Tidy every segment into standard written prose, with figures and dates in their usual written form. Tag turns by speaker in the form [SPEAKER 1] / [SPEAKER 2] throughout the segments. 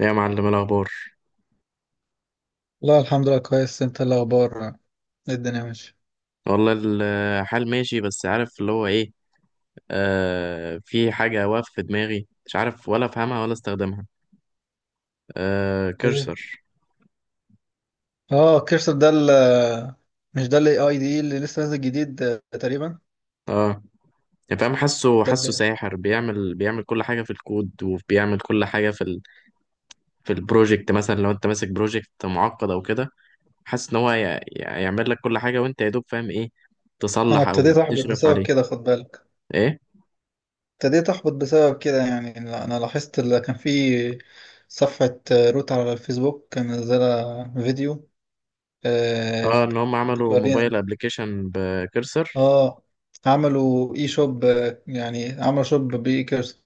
[SPEAKER 1] إيه يا معلم، إيه الأخبار؟
[SPEAKER 2] لا، الحمد لله كويس. انت إيه الاخبار؟ إيه الدنيا ماشي؟
[SPEAKER 1] والله الحال ماشي، بس عارف اللي هو إيه. في حاجة واقفة في دماغي، مش عارف ولا أفهمها ولا أستخدمها. آه،
[SPEAKER 2] ايه.
[SPEAKER 1] كرسر.
[SPEAKER 2] اه كيرسر ده مش ده الاي اي دي اللي لسه نازل جديد تقريبا.
[SPEAKER 1] آه يعني فاهم، حاسه
[SPEAKER 2] ده
[SPEAKER 1] حاسه
[SPEAKER 2] اللي
[SPEAKER 1] ساحر، بيعمل كل حاجة في الكود، وبيعمل كل حاجة في في البروجكت. مثلا لو أنت ماسك بروجكت معقد أو كده، حاسس إن هو يعمل لك كل حاجة، وأنت يا دوب فاهم إيه
[SPEAKER 2] انا
[SPEAKER 1] تصلح أو
[SPEAKER 2] ابتديت احبط
[SPEAKER 1] تشرف
[SPEAKER 2] بسبب
[SPEAKER 1] عليه.
[SPEAKER 2] كده، خد بالك.
[SPEAKER 1] إيه.
[SPEAKER 2] ابتديت احبط بسبب كده. يعني لا، انا لاحظت اللي كان في صفحة روت على الفيسبوك كان منزلة فيديو، آه،
[SPEAKER 1] إن هم عملوا
[SPEAKER 2] بتورينا.
[SPEAKER 1] موبايل أبلكيشن بكرسر.
[SPEAKER 2] اه، عملوا اي شوب، يعني عملوا شوب باي كيرسر.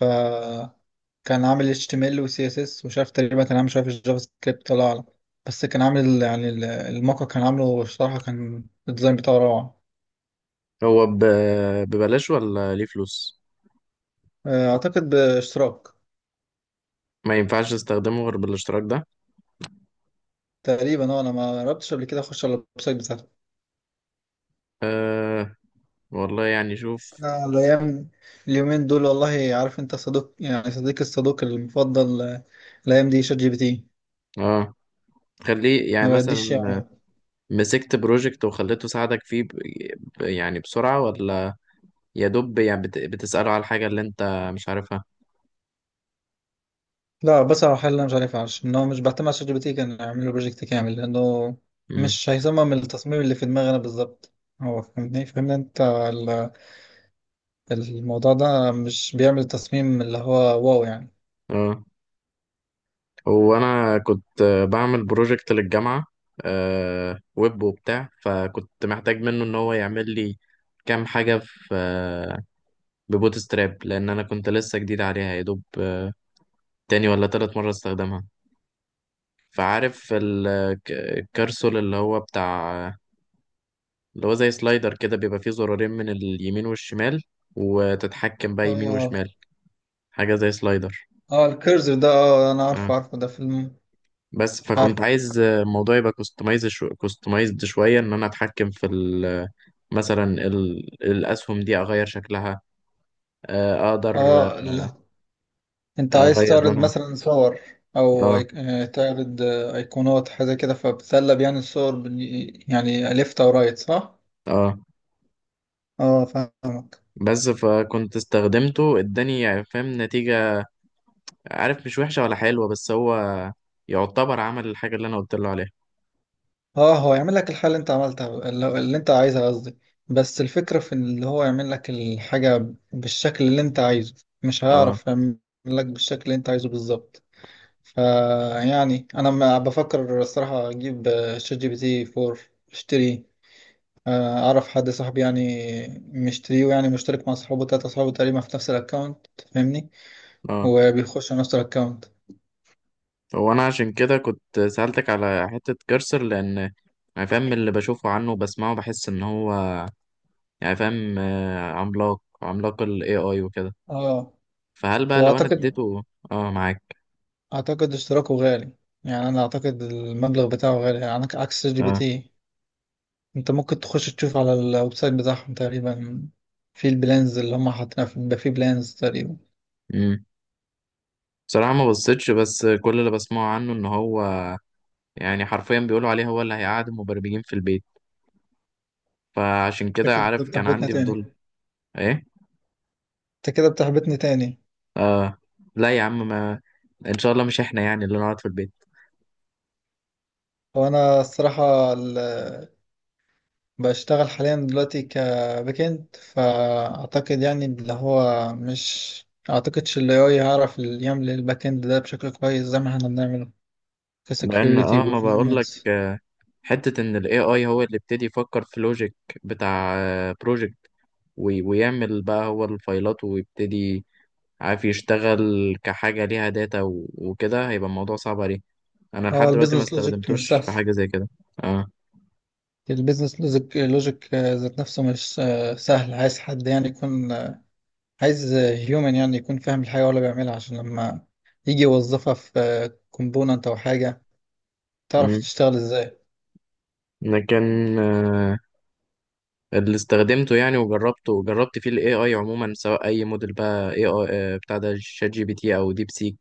[SPEAKER 2] فكان عامل HTML و CSS ومش عارف، تقريبا كان عامل شوية في الجافا سكريبت، الله أعلم. بس كان عامل يعني الموقع، كان عامله الصراحة، كان الديزاين بتاعه روعة.
[SPEAKER 1] هو ببلاش ولا ليه فلوس؟
[SPEAKER 2] أعتقد باشتراك.
[SPEAKER 1] ما ينفعش استخدمه غير بالاشتراك ده.
[SPEAKER 2] تقريبا اه، أنا ما جربتش قبل كده أخش على الويب سايت بتاعته.
[SPEAKER 1] أه، والله يعني
[SPEAKER 2] بس
[SPEAKER 1] شوف.
[SPEAKER 2] أنا الأيام اليومين دول والله، عارف أنت صديق يعني صديق الصدوق المفضل، الأيام دي شات جي بي تي
[SPEAKER 1] اه، خليه
[SPEAKER 2] ما
[SPEAKER 1] يعني
[SPEAKER 2] بديش.
[SPEAKER 1] مثلا مسكت بروجكت وخليته ساعدك فيه يعني بسرعة، ولا يا دوب يعني بتسأله على الحاجة اللي انت مش عارفها؟
[SPEAKER 2] لا بصراحة، الحل اللي أنا مش عارف عارف إن هو مش بعتمد على شات جي بي تي، كان أعمل له بروجكت كامل، لأنه
[SPEAKER 1] مم.
[SPEAKER 2] مش هيصمم التصميم اللي في دماغي أنا بالظبط. هو فهمني أنت الموضوع ده مش بيعمل تصميم اللي هو واو يعني.
[SPEAKER 1] اه. هو انا كنت بعمل بروجكت للجامعة، ويب وبتاع، فكنت محتاج منه ان هو يعمل لي كام حاجة في ببوت ستراب، لان انا كنت لسه جديد عليها يا دوب. تاني ولا تالت مره استخدمها. فعارف الكارسول اللي هو بتاع، اللي هو زي سلايدر كده، بيبقى فيه زرارين من اليمين والشمال، وتتحكم بقى يمين
[SPEAKER 2] آه.
[SPEAKER 1] وشمال. حاجه زي سلايدر.
[SPEAKER 2] آه الكيرسر ده، آه أنا
[SPEAKER 1] اه،
[SPEAKER 2] عارفه ده في
[SPEAKER 1] بس فكنت
[SPEAKER 2] عارف.
[SPEAKER 1] عايز الموضوع يبقى كوستمايزد شويه، ان انا اتحكم في مثلا الاسهم دي اغير شكلها، اقدر
[SPEAKER 2] آه لا، أنت عايز
[SPEAKER 1] اغير
[SPEAKER 2] تعرض
[SPEAKER 1] لونها.
[SPEAKER 2] مثلا صور أو
[SPEAKER 1] اه،
[SPEAKER 2] أيك... آه، تعرض أيقونات حاجة كده، فبتسلب يعني الصور يعني ليفت أو رايت، صح؟
[SPEAKER 1] اه.
[SPEAKER 2] آه فاهم.
[SPEAKER 1] بس فكنت استخدمته، اداني يعني فاهم نتيجة، عارف، مش وحشة ولا حلوة، بس هو يعتبر عمل الحاجة اللي انا قلت له عليها.
[SPEAKER 2] اه هو يعمل لك الحاجة اللي انت عملتها، اللي انت عايزها قصدي. بس الفكرة في اللي هو يعمل لك الحاجة بالشكل اللي انت عايزه. مش
[SPEAKER 1] اه،
[SPEAKER 2] هيعرف يعمل لك بالشكل اللي انت عايزه بالظبط. فيعني انا ما بفكر الصراحة اجيب، شات جي بي تي 4 اشتري. اعرف حد صاحبي يعني مشتريه، يعني مشترك مع اصحابه تلاتة اصحابه تقريبا في نفس الاكونت، فاهمني؟
[SPEAKER 1] اه.
[SPEAKER 2] وبيخشوا نفس الاكونت.
[SPEAKER 1] هو انا عشان كده كنت سألتك على حتة كرسر، لان يعني فاهم اللي بشوفه عنه وبسمعه، بحس ان هو يعني فاهم عملاق، عملاق ال AI وكده.
[SPEAKER 2] اه.
[SPEAKER 1] فهل بقى لو انا
[SPEAKER 2] واعتقد
[SPEAKER 1] اديته. اه، معاك.
[SPEAKER 2] اعتقد اشتراكه غالي، يعني انا اعتقد المبلغ بتاعه غالي يعني عكس شات جي بي
[SPEAKER 1] اه.
[SPEAKER 2] تي. انت ممكن تخش تشوف على الويب سايت بتاعهم تقريبا، في البلانز اللي هم حاطينها بيبقى في بلانز تقريبا.
[SPEAKER 1] امم بصراحة ما بصيتش، بس كل اللي بسمعه عنه ان هو يعني حرفيا بيقولوا عليه هو اللي هيقعد المبرمجين في البيت، فعشان
[SPEAKER 2] انت
[SPEAKER 1] كده
[SPEAKER 2] كده
[SPEAKER 1] عارف كان
[SPEAKER 2] بتحبطني
[SPEAKER 1] عندي
[SPEAKER 2] تاني.
[SPEAKER 1] فضول. ايه.
[SPEAKER 2] انت كده بتحبطني تاني.
[SPEAKER 1] اه، لا يا عم، ما ان شاء الله مش احنا يعني اللي نقعد في البيت.
[SPEAKER 2] هو انا الصراحة بشتغل حاليا دلوقتي كباك اند، فاعتقد يعني اللي هو مش اعتقدش ال AI هيعرف يعمل الباك اند ده بشكل كويس زي ما احنا بنعمله
[SPEAKER 1] لان
[SPEAKER 2] كسكيورتي
[SPEAKER 1] ما بقول لك،
[SPEAKER 2] وبرفورمانس.
[SPEAKER 1] حته ان الاي اي هو اللي ابتدي يفكر في لوجيك بتاع بروجكت، ويعمل بقى هو الفايلات ويبتدي، عارف، يشتغل كحاجه ليها داتا وكده، هيبقى الموضوع صعب عليه. انا
[SPEAKER 2] هو
[SPEAKER 1] لحد دلوقتي ما
[SPEAKER 2] البيزنس لوجيك مش
[SPEAKER 1] استخدمتوش
[SPEAKER 2] سهل.
[SPEAKER 1] في حاجه زي كده. اه.
[SPEAKER 2] البيزنس لوجيك لوجيك ذات نفسه مش، سهل. عايز حد يعني يكون، عايز هيومن يعني يكون فاهم الحاجة ولا بيعملها، عشان لما يجي يوظفها في كومبوننت أو حاجة تعرف
[SPEAKER 1] امم
[SPEAKER 2] تشتغل ازاي.
[SPEAKER 1] لكن آه، اللي استخدمته يعني وجربته، جربت فيه الاي اي عموما، سواء اي موديل بقى، اي اي بتاع ده شات جي بي تي او ديب سيك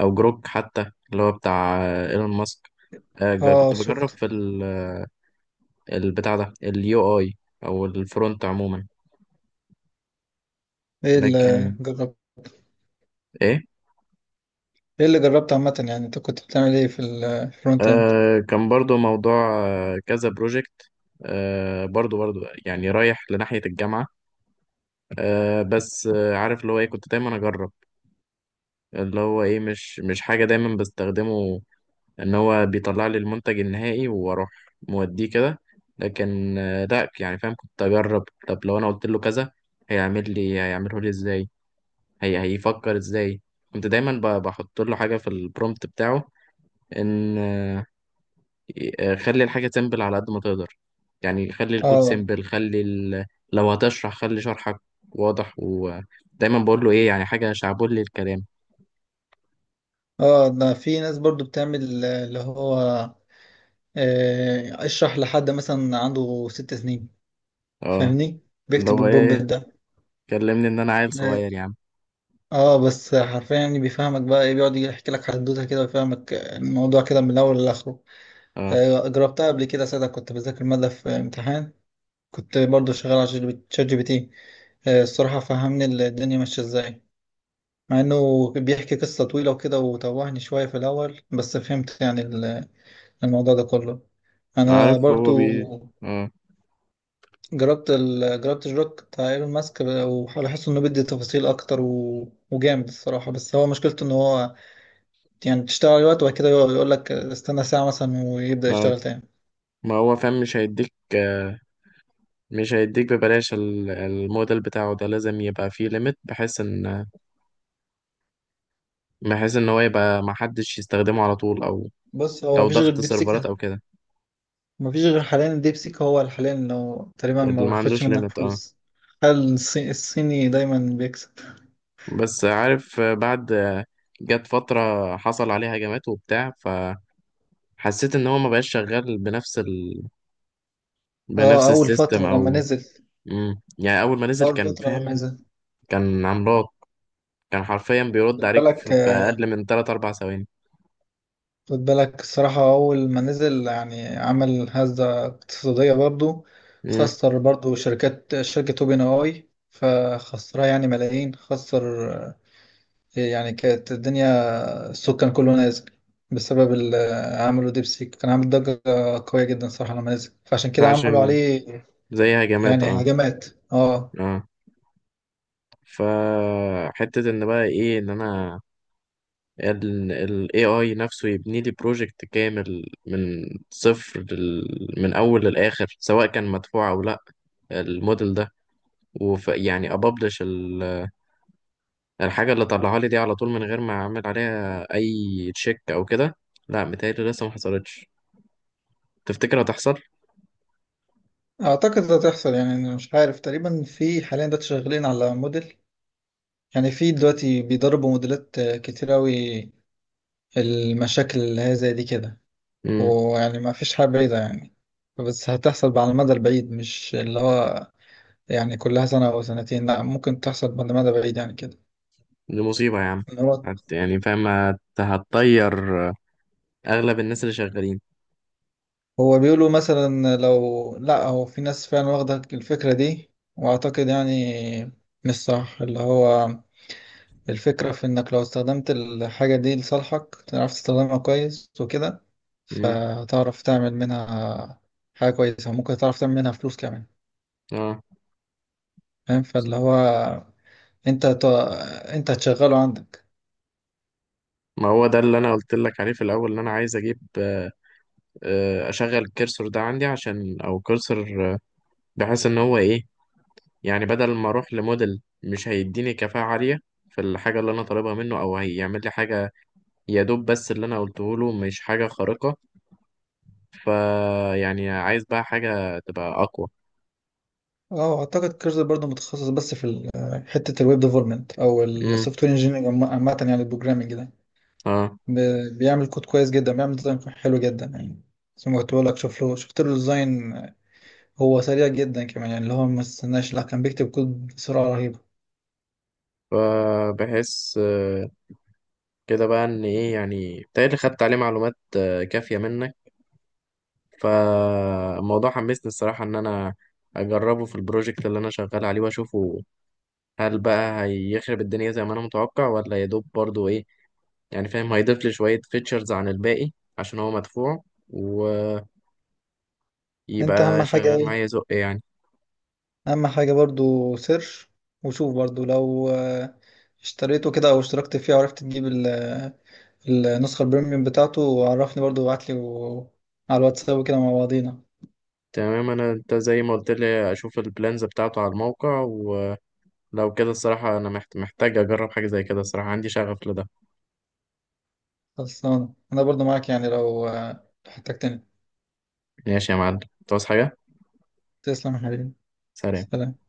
[SPEAKER 1] او جروك، حتى اللي هو بتاع ايلون ماسك. كنت
[SPEAKER 2] اه
[SPEAKER 1] بجرب
[SPEAKER 2] شفت.
[SPEAKER 1] في البتاع ده اليو اي، او الفرونت عموما.
[SPEAKER 2] ايه اللي
[SPEAKER 1] لكن
[SPEAKER 2] جربت؟
[SPEAKER 1] ايه؟
[SPEAKER 2] ايه اللي جربت عامة؟ يعني انت كنت بتعمل ايه في الفرونت اند؟
[SPEAKER 1] كان برضو موضوع كذا بروجكت، برضو برضو، يعني رايح لناحية الجامعة. بس عارف اللي هو ايه، كنت دايما اجرب اللي هو ايه، مش حاجة دايما بستخدمه ان هو بيطلع لي المنتج النهائي واروح موديه كده. لكن لا يعني فاهم، كنت اجرب، طب لو انا قلت له كذا هيعمل لي، هيعمله لي ازاي، هيفكر ازاي. كنت دايما بحط له حاجه في البرومبت بتاعه، ان خلي الحاجه سيمبل على قد ما تقدر، يعني خلي الكود
[SPEAKER 2] اه.
[SPEAKER 1] سيمبل، خلي لو هتشرح خلي شرحك واضح، ودايما بقول له ايه يعني، حاجه شعبولي الكلام.
[SPEAKER 2] اه ده في ناس برضو بتعمل، اللي هو، اشرح لحد مثلا عنده ست سنين،
[SPEAKER 1] اه،
[SPEAKER 2] فاهمني؟
[SPEAKER 1] اللي
[SPEAKER 2] بيكتب
[SPEAKER 1] هو
[SPEAKER 2] البرومبت
[SPEAKER 1] ايه،
[SPEAKER 2] ده.
[SPEAKER 1] كلمني ان انا عيل
[SPEAKER 2] آه،
[SPEAKER 1] صغير يا عم.
[SPEAKER 2] اه بس حرفيا يعني بيفهمك بقى ايه، بيقعد يحكي لك حدوته كده ويفهمك الموضوع كده من الاول لاخره.
[SPEAKER 1] اه،
[SPEAKER 2] جربتها قبل كده، ساعتها كنت بذاكر ماده في امتحان. كنت برضو شغال على شات جي بي تي، الصراحه فهمني الدنيا ماشيه ازاي، مع انه بيحكي قصه طويله وكده وتوهني شويه في الاول، بس فهمت يعني الموضوع ده كله. انا
[SPEAKER 1] عارف هو
[SPEAKER 2] برضو
[SPEAKER 1] اه،
[SPEAKER 2] جربت الروك بتاع ايلون ماسك، وبحس انه بيدي تفاصيل اكتر وجامد الصراحه، بس هو مشكلته ان هو يعني تشتغل وقت وبعد كده يقول لك استنى ساعة مثلا ويبدأ
[SPEAKER 1] اه.
[SPEAKER 2] يشتغل تاني.
[SPEAKER 1] ما هو فاهم مش هيديك، مش هيديك ببلاش. الموديل بتاعه ده لازم يبقى فيه ليميت، بحيث ان هو يبقى محدش يستخدمه على طول، او
[SPEAKER 2] بص هو
[SPEAKER 1] لو
[SPEAKER 2] مفيش غير
[SPEAKER 1] ضغط سيرفرات
[SPEAKER 2] ديبسيك.
[SPEAKER 1] او كده،
[SPEAKER 2] مفيش غير حاليا الديبسيك هو حاليا اللي هو تقريبا
[SPEAKER 1] اللي
[SPEAKER 2] ما
[SPEAKER 1] ما
[SPEAKER 2] بياخدش
[SPEAKER 1] عندوش
[SPEAKER 2] منك
[SPEAKER 1] ليميت. اه.
[SPEAKER 2] فلوس. هل الصيني دايما بيكسب؟
[SPEAKER 1] بس عارف، بعد، جت فترة حصل عليه هجمات وبتاع، فحسيت ان هو ما بقاش شغال بنفس
[SPEAKER 2] اه
[SPEAKER 1] بنفس
[SPEAKER 2] أول
[SPEAKER 1] السيستم
[SPEAKER 2] فترة لما
[SPEAKER 1] او.
[SPEAKER 2] نزل.
[SPEAKER 1] مم. يعني اول ما نزل
[SPEAKER 2] أول
[SPEAKER 1] كان
[SPEAKER 2] فترة
[SPEAKER 1] فاهم،
[SPEAKER 2] لما نزل
[SPEAKER 1] كان عملاق، كان حرفيا بيرد
[SPEAKER 2] خد
[SPEAKER 1] عليك
[SPEAKER 2] بالك،
[SPEAKER 1] في اقل من 3 4 ثواني.
[SPEAKER 2] خد بالك الصراحة. أول ما نزل يعني عمل هزة اقتصادية برضو.
[SPEAKER 1] امم
[SPEAKER 2] خسر برضو شركات، شركة أوبن أي فخسرها يعني ملايين. خسر، يعني كانت الدنيا، الصوت كان كله نازل بسبب عملوا ديبسيك، كان عامل ضجة قوية جدا صراحة لما نزل، فعشان كده عملوا
[SPEAKER 1] عشان
[SPEAKER 2] عليه
[SPEAKER 1] زي هجمات.
[SPEAKER 2] يعني
[SPEAKER 1] اه،
[SPEAKER 2] هجمات. اه.
[SPEAKER 1] اه. فحتة ان بقى ايه، ان انا ال AI نفسه يبني لي بروجكت كامل من صفر، من اول للاخر، سواء كان مدفوع او لا، الموديل ده. وف يعني ابابلش الحاجة اللي طلعها لي دي على طول، من غير ما اعمل عليها اي تشيك او كده. لا متهيألي لسه ما حصلتش. تفتكر هتحصل؟
[SPEAKER 2] اعتقد ده تحصل، يعني أنا مش عارف، تقريبا في حاليا دلوقتي شغالين على موديل. يعني في دلوقتي بيدربوا موديلات، كتير اوي المشاكل اللي هي زي دي كده. ويعني ما فيش حاجة بعيدة يعني. بس هتحصل على المدى البعيد، مش اللي هو يعني كلها سنة أو سنتين، لا ممكن تحصل على المدى البعيد يعني كده.
[SPEAKER 1] دي مصيبة يا عم.
[SPEAKER 2] إن هو
[SPEAKER 1] يعني فاهم هتطير أغلب الناس اللي شغالين.
[SPEAKER 2] هو بيقولوا مثلا، لو لا هو في ناس فعلا واخدة الفكرة دي، واعتقد يعني مش صح اللي هو، الفكرة في انك لو استخدمت الحاجة دي لصالحك، تعرف تستخدمها كويس وكده،
[SPEAKER 1] مم.
[SPEAKER 2] فتعرف تعمل منها حاجة كويسة، ممكن تعرف تعمل منها فلوس كمان،
[SPEAKER 1] اه.
[SPEAKER 2] فاهم؟ فاللي هو انت انت هتشغله عندك.
[SPEAKER 1] ما هو ده اللي أنا قلت لك عليه في الأول، إن أنا عايز أجيب أشغل الكرسور ده عندي، عشان أو كرسور، بحيث إن هو إيه، يعني بدل ما أروح لموديل مش هيديني كفاءة عالية في الحاجة اللي أنا طالبها منه، أو هيعمل لي حاجة يا دوب، بس اللي أنا قلته له مش حاجة خارقة، فيعني عايز بقى حاجة تبقى أقوى.
[SPEAKER 2] اه اعتقد كيرزر برضه متخصص بس في حتة الويب ديفلوبمنت او
[SPEAKER 1] مم.
[SPEAKER 2] السوفت وير انجينيرنج عامة، يعني البروجرامنج ده.
[SPEAKER 1] اه.
[SPEAKER 2] بيعمل كود كويس جدا، بيعمل ديزاين حلو جدا يعني، زي ما قلت لك، شوف له شفت له ديزاين. هو سريع جدا كمان، يعني اللي هو ما استناش لا، كان بيكتب كود بسرعة رهيبة.
[SPEAKER 1] فبحس كده بقى ان ايه يعني، بتهيألي خدت عليه معلومات كافية منك، فالموضوع حمسني الصراحة ان انا اجربه في البروجكت اللي انا شغال عليه، واشوفه، هل بقى هيخرب الدنيا زي ما انا متوقع، ولا يدوب برضو ايه، يعني فاهم، هيضيف لي شوية فيتشرز عن الباقي عشان هو مدفوع، ويبقى
[SPEAKER 2] انت اهم حاجة
[SPEAKER 1] شغال
[SPEAKER 2] ايه؟
[SPEAKER 1] معايا زق يعني.
[SPEAKER 2] اهم حاجة برضو سيرش وشوف برضو لو، اشتريته كده او اشتركت فيه، وعرفت تجيب النسخة البريميوم بتاعته، وعرفني برضو وابعتلي على الواتساب كده مع بعضينا.
[SPEAKER 1] تمام، انا انت زي ما قلت لي اشوف البلانز بتاعته على الموقع، ولو كده الصراحة انا محتاج اجرب حاجة زي كده، الصراحة عندي شغف لده.
[SPEAKER 2] خلصانة، انا برضو معاك يعني لو، لو احتجتني.
[SPEAKER 1] ماشي يا معلم، انت عاوز حاجة؟
[SPEAKER 2] تسلم يا حبيبي.
[SPEAKER 1] سلام.
[SPEAKER 2] سلام.